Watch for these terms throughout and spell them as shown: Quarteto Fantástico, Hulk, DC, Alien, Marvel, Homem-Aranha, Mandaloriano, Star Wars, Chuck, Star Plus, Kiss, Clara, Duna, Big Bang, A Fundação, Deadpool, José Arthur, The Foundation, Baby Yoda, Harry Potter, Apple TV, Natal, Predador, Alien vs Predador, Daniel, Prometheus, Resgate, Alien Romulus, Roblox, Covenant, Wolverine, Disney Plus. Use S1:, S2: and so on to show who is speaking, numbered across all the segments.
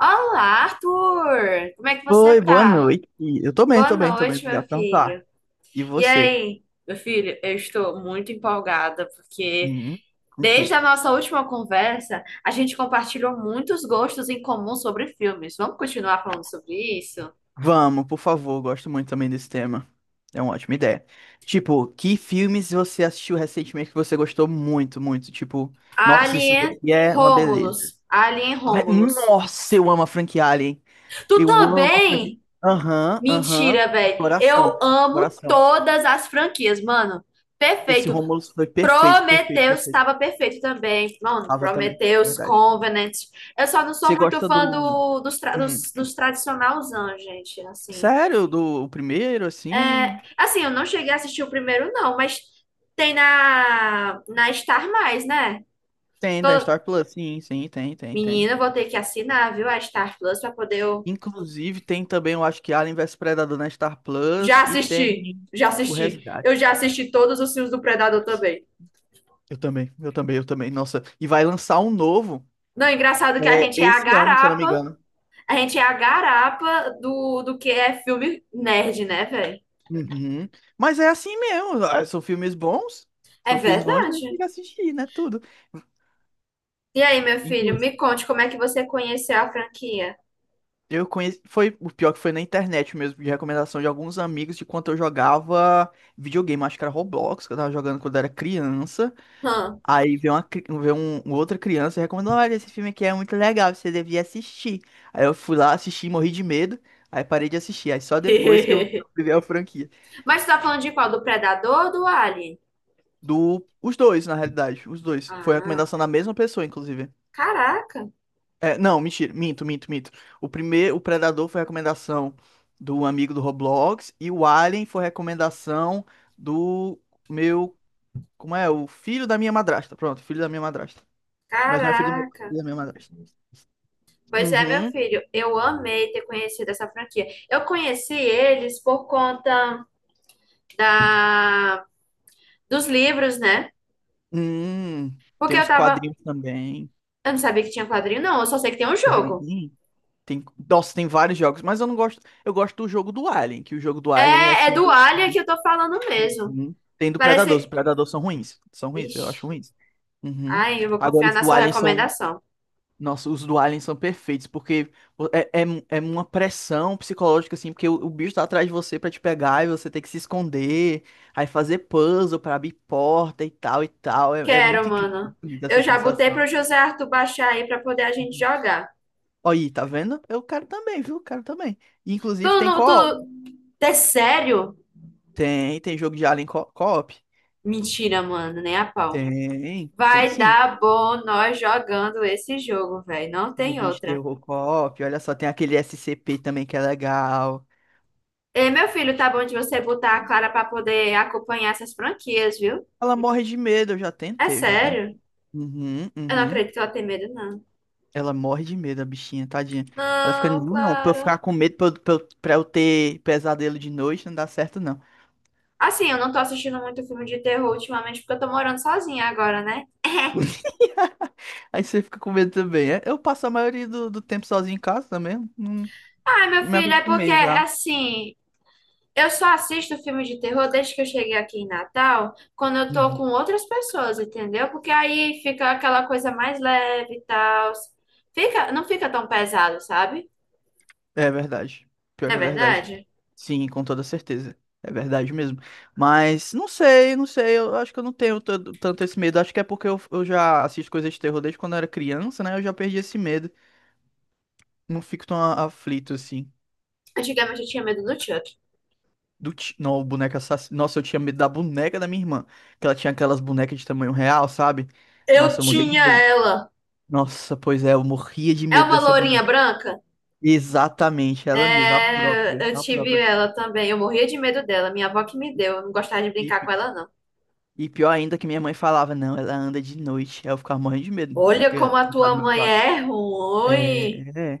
S1: Olá, Arthur! Como é que você
S2: Oi, boa
S1: tá?
S2: noite. Eu tô bem,
S1: Boa
S2: tô bem,
S1: noite,
S2: obrigado
S1: meu
S2: por perguntar.
S1: filho.
S2: E
S1: E
S2: você?
S1: aí, meu filho, eu estou muito empolgada porque
S2: Hum, com o
S1: desde
S2: quê?
S1: a nossa última conversa a gente compartilhou muitos gostos em comum sobre filmes. Vamos continuar falando sobre isso?
S2: Vamos, por favor, gosto muito também desse tema. É uma ótima ideia. Tipo, que filmes você assistiu recentemente que você gostou muito? Tipo, nossa, isso
S1: Alien
S2: daqui é uma beleza.
S1: Romulus. Alien
S2: Ai,
S1: Romulus.
S2: nossa, eu amo a franquia Alien.
S1: Tu
S2: Eu amo a franquia.
S1: também?
S2: Aham, aham.
S1: Mentira, velho. Eu
S2: Coração,
S1: amo
S2: coração.
S1: todas as franquias, mano.
S2: Esse
S1: Perfeito.
S2: Romulus foi perfeito,
S1: Prometheus
S2: perfeito.
S1: estava perfeito também. Mano,
S2: Tava também,
S1: Prometheus,
S2: verdade.
S1: Covenant. Eu só não
S2: Você
S1: sou muito
S2: gosta
S1: fã
S2: do.
S1: do, dos, tra-
S2: Hum,
S1: dos, dos tradicionalzão, gente. Assim,
S2: Sério, do o primeiro,
S1: é,
S2: assim?
S1: assim, eu não cheguei a assistir o primeiro, não, mas tem na Star Mais, né?
S2: Tem,
S1: Tô,
S2: da Star Plus, sim, sim, tem, tem.
S1: menina, eu vou ter que assinar, viu, a Star Plus pra poder eu
S2: Inclusive, tem também, eu acho que Alien vs Predador na Star
S1: já
S2: Plus e
S1: assistir.
S2: tem
S1: Já
S2: o
S1: assisti. Eu já
S2: Resgate.
S1: assisti todos os filmes do Predador também.
S2: Eu também, eu também. Nossa, e vai lançar um novo
S1: Não, engraçado que a gente
S2: é,
S1: é a
S2: esse ano, se eu não me
S1: garapa.
S2: engano.
S1: A gente é a garapa do que é filme nerd, né, velho?
S2: Uhum. Mas é assim mesmo, ah,
S1: É
S2: são filmes bons, a gente tem
S1: verdade.
S2: que assistir, né? Tudo.
S1: E aí, meu filho, me conte como é que você conheceu a franquia.
S2: Eu conheci. Foi o pior que foi na internet mesmo, de recomendação de alguns amigos de quando eu jogava videogame, acho que era Roblox, que eu tava jogando quando eu era criança.
S1: Hã?
S2: Aí veio veio uma outra criança e recomendou: olha, esse filme aqui é muito legal, você devia assistir. Aí eu fui lá, assisti, morri de medo, aí parei de assistir. Aí só depois que eu vi a franquia.
S1: Mas tu tá falando de qual? Do Predador ou do Alien?
S2: Do, os dois, na realidade, os dois. Foi
S1: Ah,
S2: recomendação da mesma pessoa, inclusive.
S1: caraca,
S2: É, não, mentira, minto, minto. O primeiro, o Predador foi recomendação do amigo do Roblox e o Alien foi recomendação do meu, como é? O filho da minha madrasta. Pronto, filho da minha madrasta. Mas não é
S1: caraca.
S2: filho da minha madrasta.
S1: Pois é, meu
S2: Uhum.
S1: filho, eu amei ter conhecido essa franquia. Eu conheci eles por conta da... dos livros, né?
S2: Hum,
S1: Porque
S2: tem
S1: eu
S2: uns
S1: tava.
S2: quadrinhos também.
S1: Eu não sabia que tinha quadrinho, não. Eu só sei que tem um
S2: Tem.
S1: jogo.
S2: Tem, nossa, tem vários jogos, mas eu não gosto. Eu gosto do jogo do Alien, que o jogo do Alien é
S1: É, é
S2: assim,
S1: do
S2: meio
S1: Alia que
S2: que-
S1: eu tô falando mesmo.
S2: uhum. Tem do Predador. Os
S1: Parece.
S2: Predador são ruins. São ruins, eu acho
S1: Vixe.
S2: ruins. Uhum.
S1: Ai, eu vou
S2: Agora
S1: confiar
S2: os
S1: na
S2: do
S1: sua
S2: Alien são.
S1: recomendação.
S2: Nossa, os do Alien são perfeitos, porque é, é, é uma pressão psicológica, assim, porque o bicho tá atrás de você pra te pegar e você tem que se esconder, aí fazer puzzle pra abrir porta e tal e tal. É, é
S1: Quero,
S2: muito incrível
S1: mano. Eu
S2: essa
S1: já botei
S2: sensação.
S1: pro José Arthur baixar aí pra poder a gente
S2: Uhum.
S1: jogar.
S2: Aí, tá vendo? Eu quero também, viu? Quero também. E,
S1: Tu
S2: inclusive tem
S1: não. Tu...
S2: co-op.
S1: É sério?
S2: Tem, tem jogo de Alien co-op.
S1: Mentira, mano, nem a pau.
S2: Tem, tem
S1: Vai
S2: sim.
S1: dar bom nós jogando esse jogo, velho. Não tem
S2: Joguinho de
S1: outra.
S2: terror co-op. Olha só, tem aquele SCP também que é legal.
S1: Ei, meu filho, tá bom de você botar a Clara pra poder acompanhar essas franquias, viu?
S2: Ela morre de medo,
S1: É
S2: eu já tentei.
S1: sério.
S2: Uhum,
S1: Eu não
S2: uhum.
S1: acredito que ela tem medo, não.
S2: Ela morre de medo, a bichinha, tadinha. Ela fica,
S1: Não,
S2: não, não, pra eu
S1: Clara.
S2: ficar com medo, pra eu ter pesadelo de noite, não dá certo, não.
S1: Assim, eu não tô assistindo muito filme de terror ultimamente porque eu tô morando sozinha agora, né?
S2: Aí você fica com medo também, é? Eu passo a maioria do tempo sozinho em casa também, não,
S1: Ai, meu
S2: me
S1: filho, é porque,
S2: acostumei já.
S1: assim, eu só assisto filme de terror desde que eu cheguei aqui em Natal, quando eu tô com
S2: Uhum.
S1: outras pessoas, entendeu? Porque aí fica aquela coisa mais leve e tal. Fica, não fica tão pesado, sabe?
S2: É verdade. Pior
S1: Não é
S2: que é verdade.
S1: verdade?
S2: Sim, com toda certeza. É verdade mesmo. Mas não sei. Eu acho que eu não tenho tanto esse medo. Acho que é porque eu já assisto coisas de terror desde quando eu era criança, né? Eu já perdi esse medo. Não fico tão aflito assim.
S1: Antigamente eu tinha medo do Chuck.
S2: Não, o boneco. Nossa, eu tinha medo da boneca da minha irmã. Que ela tinha aquelas bonecas de tamanho real, sabe?
S1: Eu
S2: Nossa, eu morria de
S1: tinha
S2: medo.
S1: ela.
S2: Nossa, pois é, eu morria de
S1: É
S2: medo
S1: uma
S2: dessa
S1: lourinha
S2: boneca.
S1: branca?
S2: Exatamente, ela mesma,
S1: É, eu
S2: a
S1: tive
S2: própria.
S1: ela também. Eu morria de medo dela. Minha avó que me deu. Eu não gostava de
S2: E,
S1: brincar com
S2: pi-
S1: ela, não.
S2: e pior ainda que minha mãe falava, não, ela anda de noite. Aí eu ficava morrendo de medo
S1: Olha como a
S2: de ficar
S1: tua
S2: no meu
S1: mãe
S2: quarto.
S1: é
S2: É,
S1: ruim.
S2: é.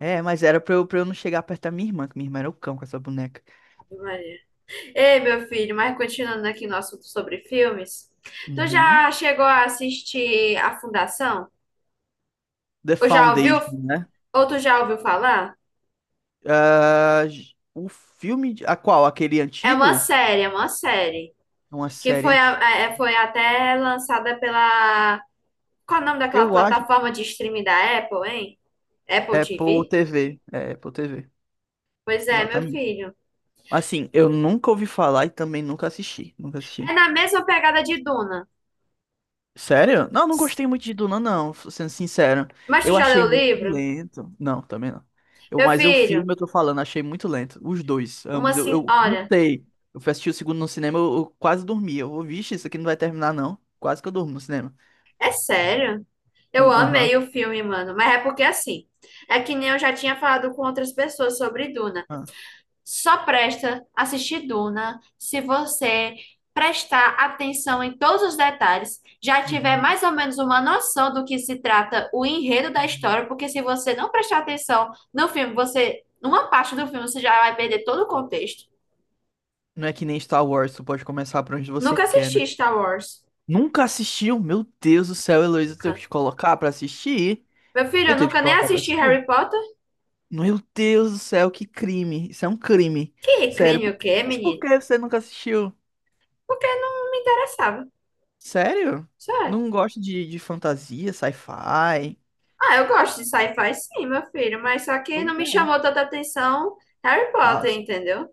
S2: É, mas era pra eu não chegar perto da minha irmã, que minha irmã era o cão com essa boneca.
S1: Ave Maria. Ei, meu filho, mas continuando aqui no assunto sobre filmes, tu
S2: Uhum.
S1: já chegou a assistir A Fundação?
S2: The
S1: Ou já ouviu,
S2: Foundation, né?
S1: ou tu já ouviu falar?
S2: Ah, o filme. A qual? Aquele
S1: É uma
S2: antigo?
S1: série, é uma série,
S2: É uma
S1: que
S2: série
S1: foi, a-
S2: antes.
S1: é- é, foi até lançada pela... Qual é o nome daquela
S2: Eu acho.
S1: plataforma de streaming da Apple, hein? Apple
S2: É Apple
S1: TV?
S2: TV. É Apple TV.
S1: Pois é, meu
S2: Exatamente.
S1: filho.
S2: Assim, eu nunca ouvi falar e também nunca assisti. Nunca
S1: É
S2: assisti.
S1: na mesma pegada de Duna.
S2: Sério? Não, não gostei muito de Duna, não, sendo sincero.
S1: Mas tu
S2: Eu
S1: já
S2: achei
S1: leu o
S2: muito
S1: livro?
S2: lento. Não, também não. Eu,
S1: Meu
S2: mas o
S1: filho,
S2: filme, eu tô falando, achei muito lento. Os dois,
S1: uma...
S2: ambos.
S1: sin-
S2: Eu
S1: Olha...
S2: lutei. Eu fui assistir o segundo no cinema, eu quase dormi. Eu, vixe, isso aqui não vai terminar, não. Quase que eu durmo no cinema.
S1: É sério? Eu
S2: Com, aham.
S1: amei o filme, mano. Mas é porque assim, é que nem eu já tinha falado com outras pessoas sobre Duna.
S2: Ah,
S1: Só presta assistir Duna se você prestar atenção em todos os detalhes, já tiver
S2: uhum,
S1: mais ou menos uma noção do que se trata o enredo da
S2: uhum.
S1: história, porque se você não prestar atenção no filme, você, numa parte do filme, você já vai perder todo o contexto.
S2: Não é que nem Star Wars, tu pode começar por onde você
S1: Nunca
S2: quer, né?
S1: assisti Star Wars.
S2: Nunca assistiu? Meu Deus do céu, Heloísa, eu tenho que
S1: Nunca.
S2: te colocar pra assistir?
S1: Meu filho,
S2: Eu
S1: eu
S2: tenho que
S1: nunca
S2: te
S1: nem
S2: colocar pra
S1: assisti
S2: assistir?
S1: Harry Potter.
S2: Meu Deus do céu, que crime. Isso é um crime.
S1: Que
S2: Sério,
S1: crime
S2: por-
S1: o quê,
S2: mas por
S1: menino?
S2: que você nunca assistiu?
S1: Porque não me interessava.
S2: Sério?
S1: Sério.
S2: Não gosta de fantasia, sci-fi?
S1: Ah, eu gosto de sci-fi sim, meu filho, mas só que não
S2: Pois
S1: me
S2: é.
S1: chamou tanta atenção Harry
S2: Ah,
S1: Potter, entendeu?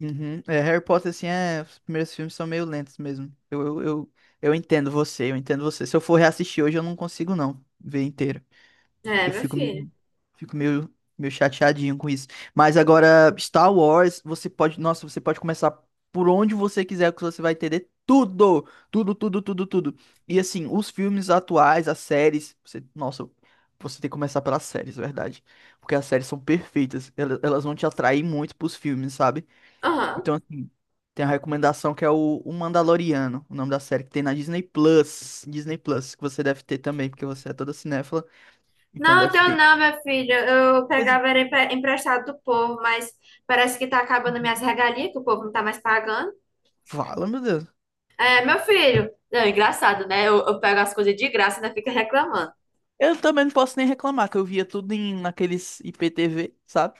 S2: uhum. É, Harry Potter, assim, é, os primeiros filmes são meio lentos mesmo. Eu entendo você, eu entendo você. Se eu for reassistir hoje, eu não consigo não ver inteiro.
S1: É,
S2: Eu
S1: meu
S2: fico
S1: filho.
S2: meio, fico meio chateadinho com isso. Mas agora, Star Wars, você pode, nossa, você pode começar por onde você quiser, que você vai entender tudo, tudo. E assim, os filmes atuais, as séries, você, nossa, você tem que começar pelas séries, é verdade? Porque as séries são perfeitas, elas vão te atrair muito pros filmes, sabe?
S1: Aham.
S2: Então, assim, tem a recomendação que é o Mandaloriano, o nome da série que tem na Disney Plus, Disney Plus, que você deve ter também, porque você é toda cinéfila, então
S1: Não,
S2: deve
S1: teu
S2: ter.
S1: não, meu filho. Eu
S2: Pois é.
S1: pegava era emprestado do povo, mas parece que tá acabando minhas regalias, que o povo não tá mais pagando.
S2: Fala, meu Deus.
S1: É, meu filho. Não, engraçado, né? Eu pego as coisas de graça e ainda fica reclamando.
S2: Eu também não posso nem reclamar, que eu via tudo em, naqueles IPTV, sabe?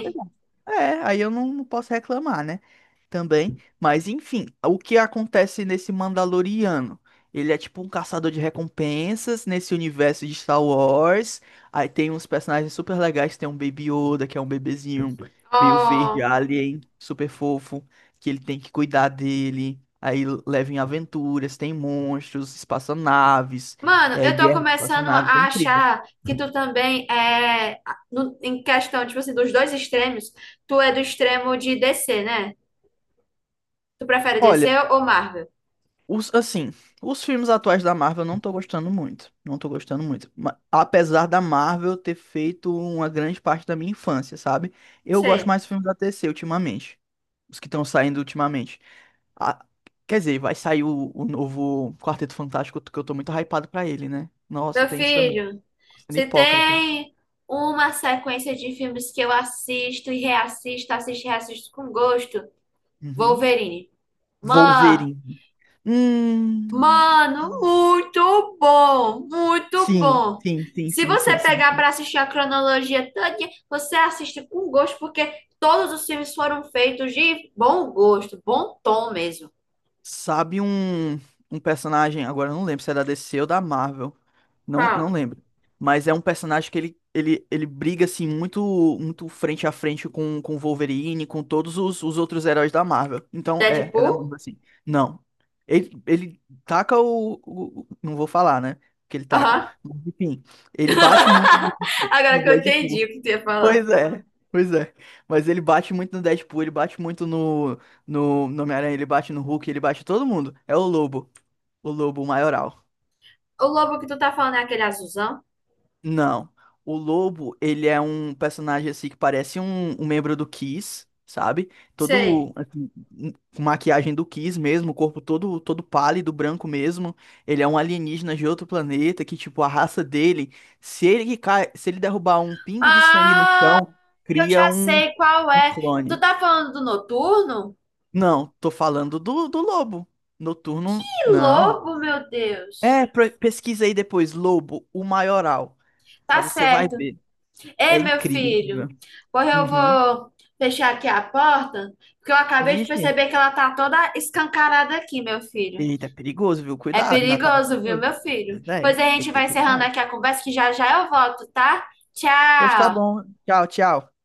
S2: Pois é, é, aí eu não, não posso reclamar, né? Também, mas enfim, o que acontece nesse Mandaloriano? Ele é tipo um caçador de recompensas nesse universo de Star Wars. Aí tem uns personagens super legais, tem um Baby Yoda, que é um bebezinho meio verde
S1: Oh.
S2: alien, super fofo, que ele tem que cuidar dele. Aí leva em aventuras, tem monstros, espaçonaves,
S1: Mano,
S2: é,
S1: eu tô
S2: guerra de
S1: começando
S2: espaçonaves, é
S1: a
S2: incrível.
S1: achar que tu também é, no- em questão, tipo assim, dos dois extremos, tu é do extremo de DC, né? Tu prefere DC
S2: Olha,
S1: ou Marvel?
S2: os, assim, os filmes atuais da Marvel eu não tô gostando muito. Não tô gostando muito. Apesar da Marvel ter feito uma grande parte da minha infância, sabe? Eu gosto
S1: Sei.
S2: mais dos filmes da T C ultimamente. Os que estão saindo ultimamente. Ah, quer dizer, vai sair o novo Quarteto Fantástico, que eu tô muito hypado pra ele, né? Nossa,
S1: Meu
S2: tem isso também.
S1: filho,
S2: Sendo
S1: se
S2: hipócrita.
S1: tem uma sequência de filmes que eu assisto e reassisto com gosto,
S2: Uhum.
S1: Wolverine. Mano,
S2: Wolverine. Hum.
S1: Mano, muito bom, muito
S2: Sim,
S1: bom.
S2: sim, sim,
S1: Se
S2: sim,
S1: você
S2: sim, sim,
S1: pegar
S2: sim.
S1: para assistir a cronologia toda, você assiste com gosto, porque todos os filmes foram feitos de bom gosto, bom tom mesmo.
S2: Sabe um, um personagem, agora eu não lembro se é da DC ou da Marvel. Não, não
S1: Qual?
S2: lembro. Mas é um personagem que ele briga assim muito muito frente a frente com o Wolverine, com todos os outros heróis da Marvel. Então é, é da
S1: Deadpool?
S2: Marvel assim. Não. Ele taca não vou falar, né? Que ele taca.
S1: Aham.
S2: Mas, enfim, ele bate muito no no
S1: Agora que eu entendi
S2: Deadpool.
S1: o que tu ia falar.
S2: Pois é, pois é. Mas ele bate muito no Deadpool, ele bate muito no Homem-Aranha, ele bate no Hulk, ele bate todo mundo. É o Lobo maioral.
S1: O lobo que tu tá falando é aquele azulzão?
S2: Não, o Lobo, ele é um personagem assim que parece um membro do Kiss, sabe?
S1: Sei.
S2: Todo, assim, com maquiagem do Kiss mesmo, o corpo todo, todo pálido, branco mesmo. Ele é um alienígena de outro planeta que, tipo, a raça dele, se ele derrubar um pingo de sangue no
S1: Ah,
S2: chão,
S1: eu
S2: cria
S1: já
S2: um,
S1: sei qual
S2: um
S1: é. Tu
S2: clone.
S1: tá falando do noturno?
S2: Não, tô falando do lobo. Noturno,
S1: Que
S2: não.
S1: lobo, meu Deus.
S2: É, pesquisa aí depois, lobo, o maioral. Aí
S1: Tá
S2: você vai
S1: certo.
S2: ver.
S1: Ei,
S2: É
S1: meu
S2: incrível, incrível.
S1: filho, porra, eu
S2: Uhum.
S1: vou fechar aqui a porta, porque eu acabei de
S2: Vixe.
S1: perceber que ela tá toda escancarada aqui, meu filho.
S2: Eita, é perigoso, viu?
S1: É
S2: Cuidado, Natália, é
S1: perigoso, viu,
S2: perigoso.
S1: meu filho?
S2: Pois é,
S1: Pois a
S2: você tem
S1: gente
S2: que ter
S1: vai encerrando
S2: cuidado.
S1: aqui a conversa, que já já eu volto, tá?
S2: Pois tá
S1: Tchau!
S2: bom. Tchau, tchau.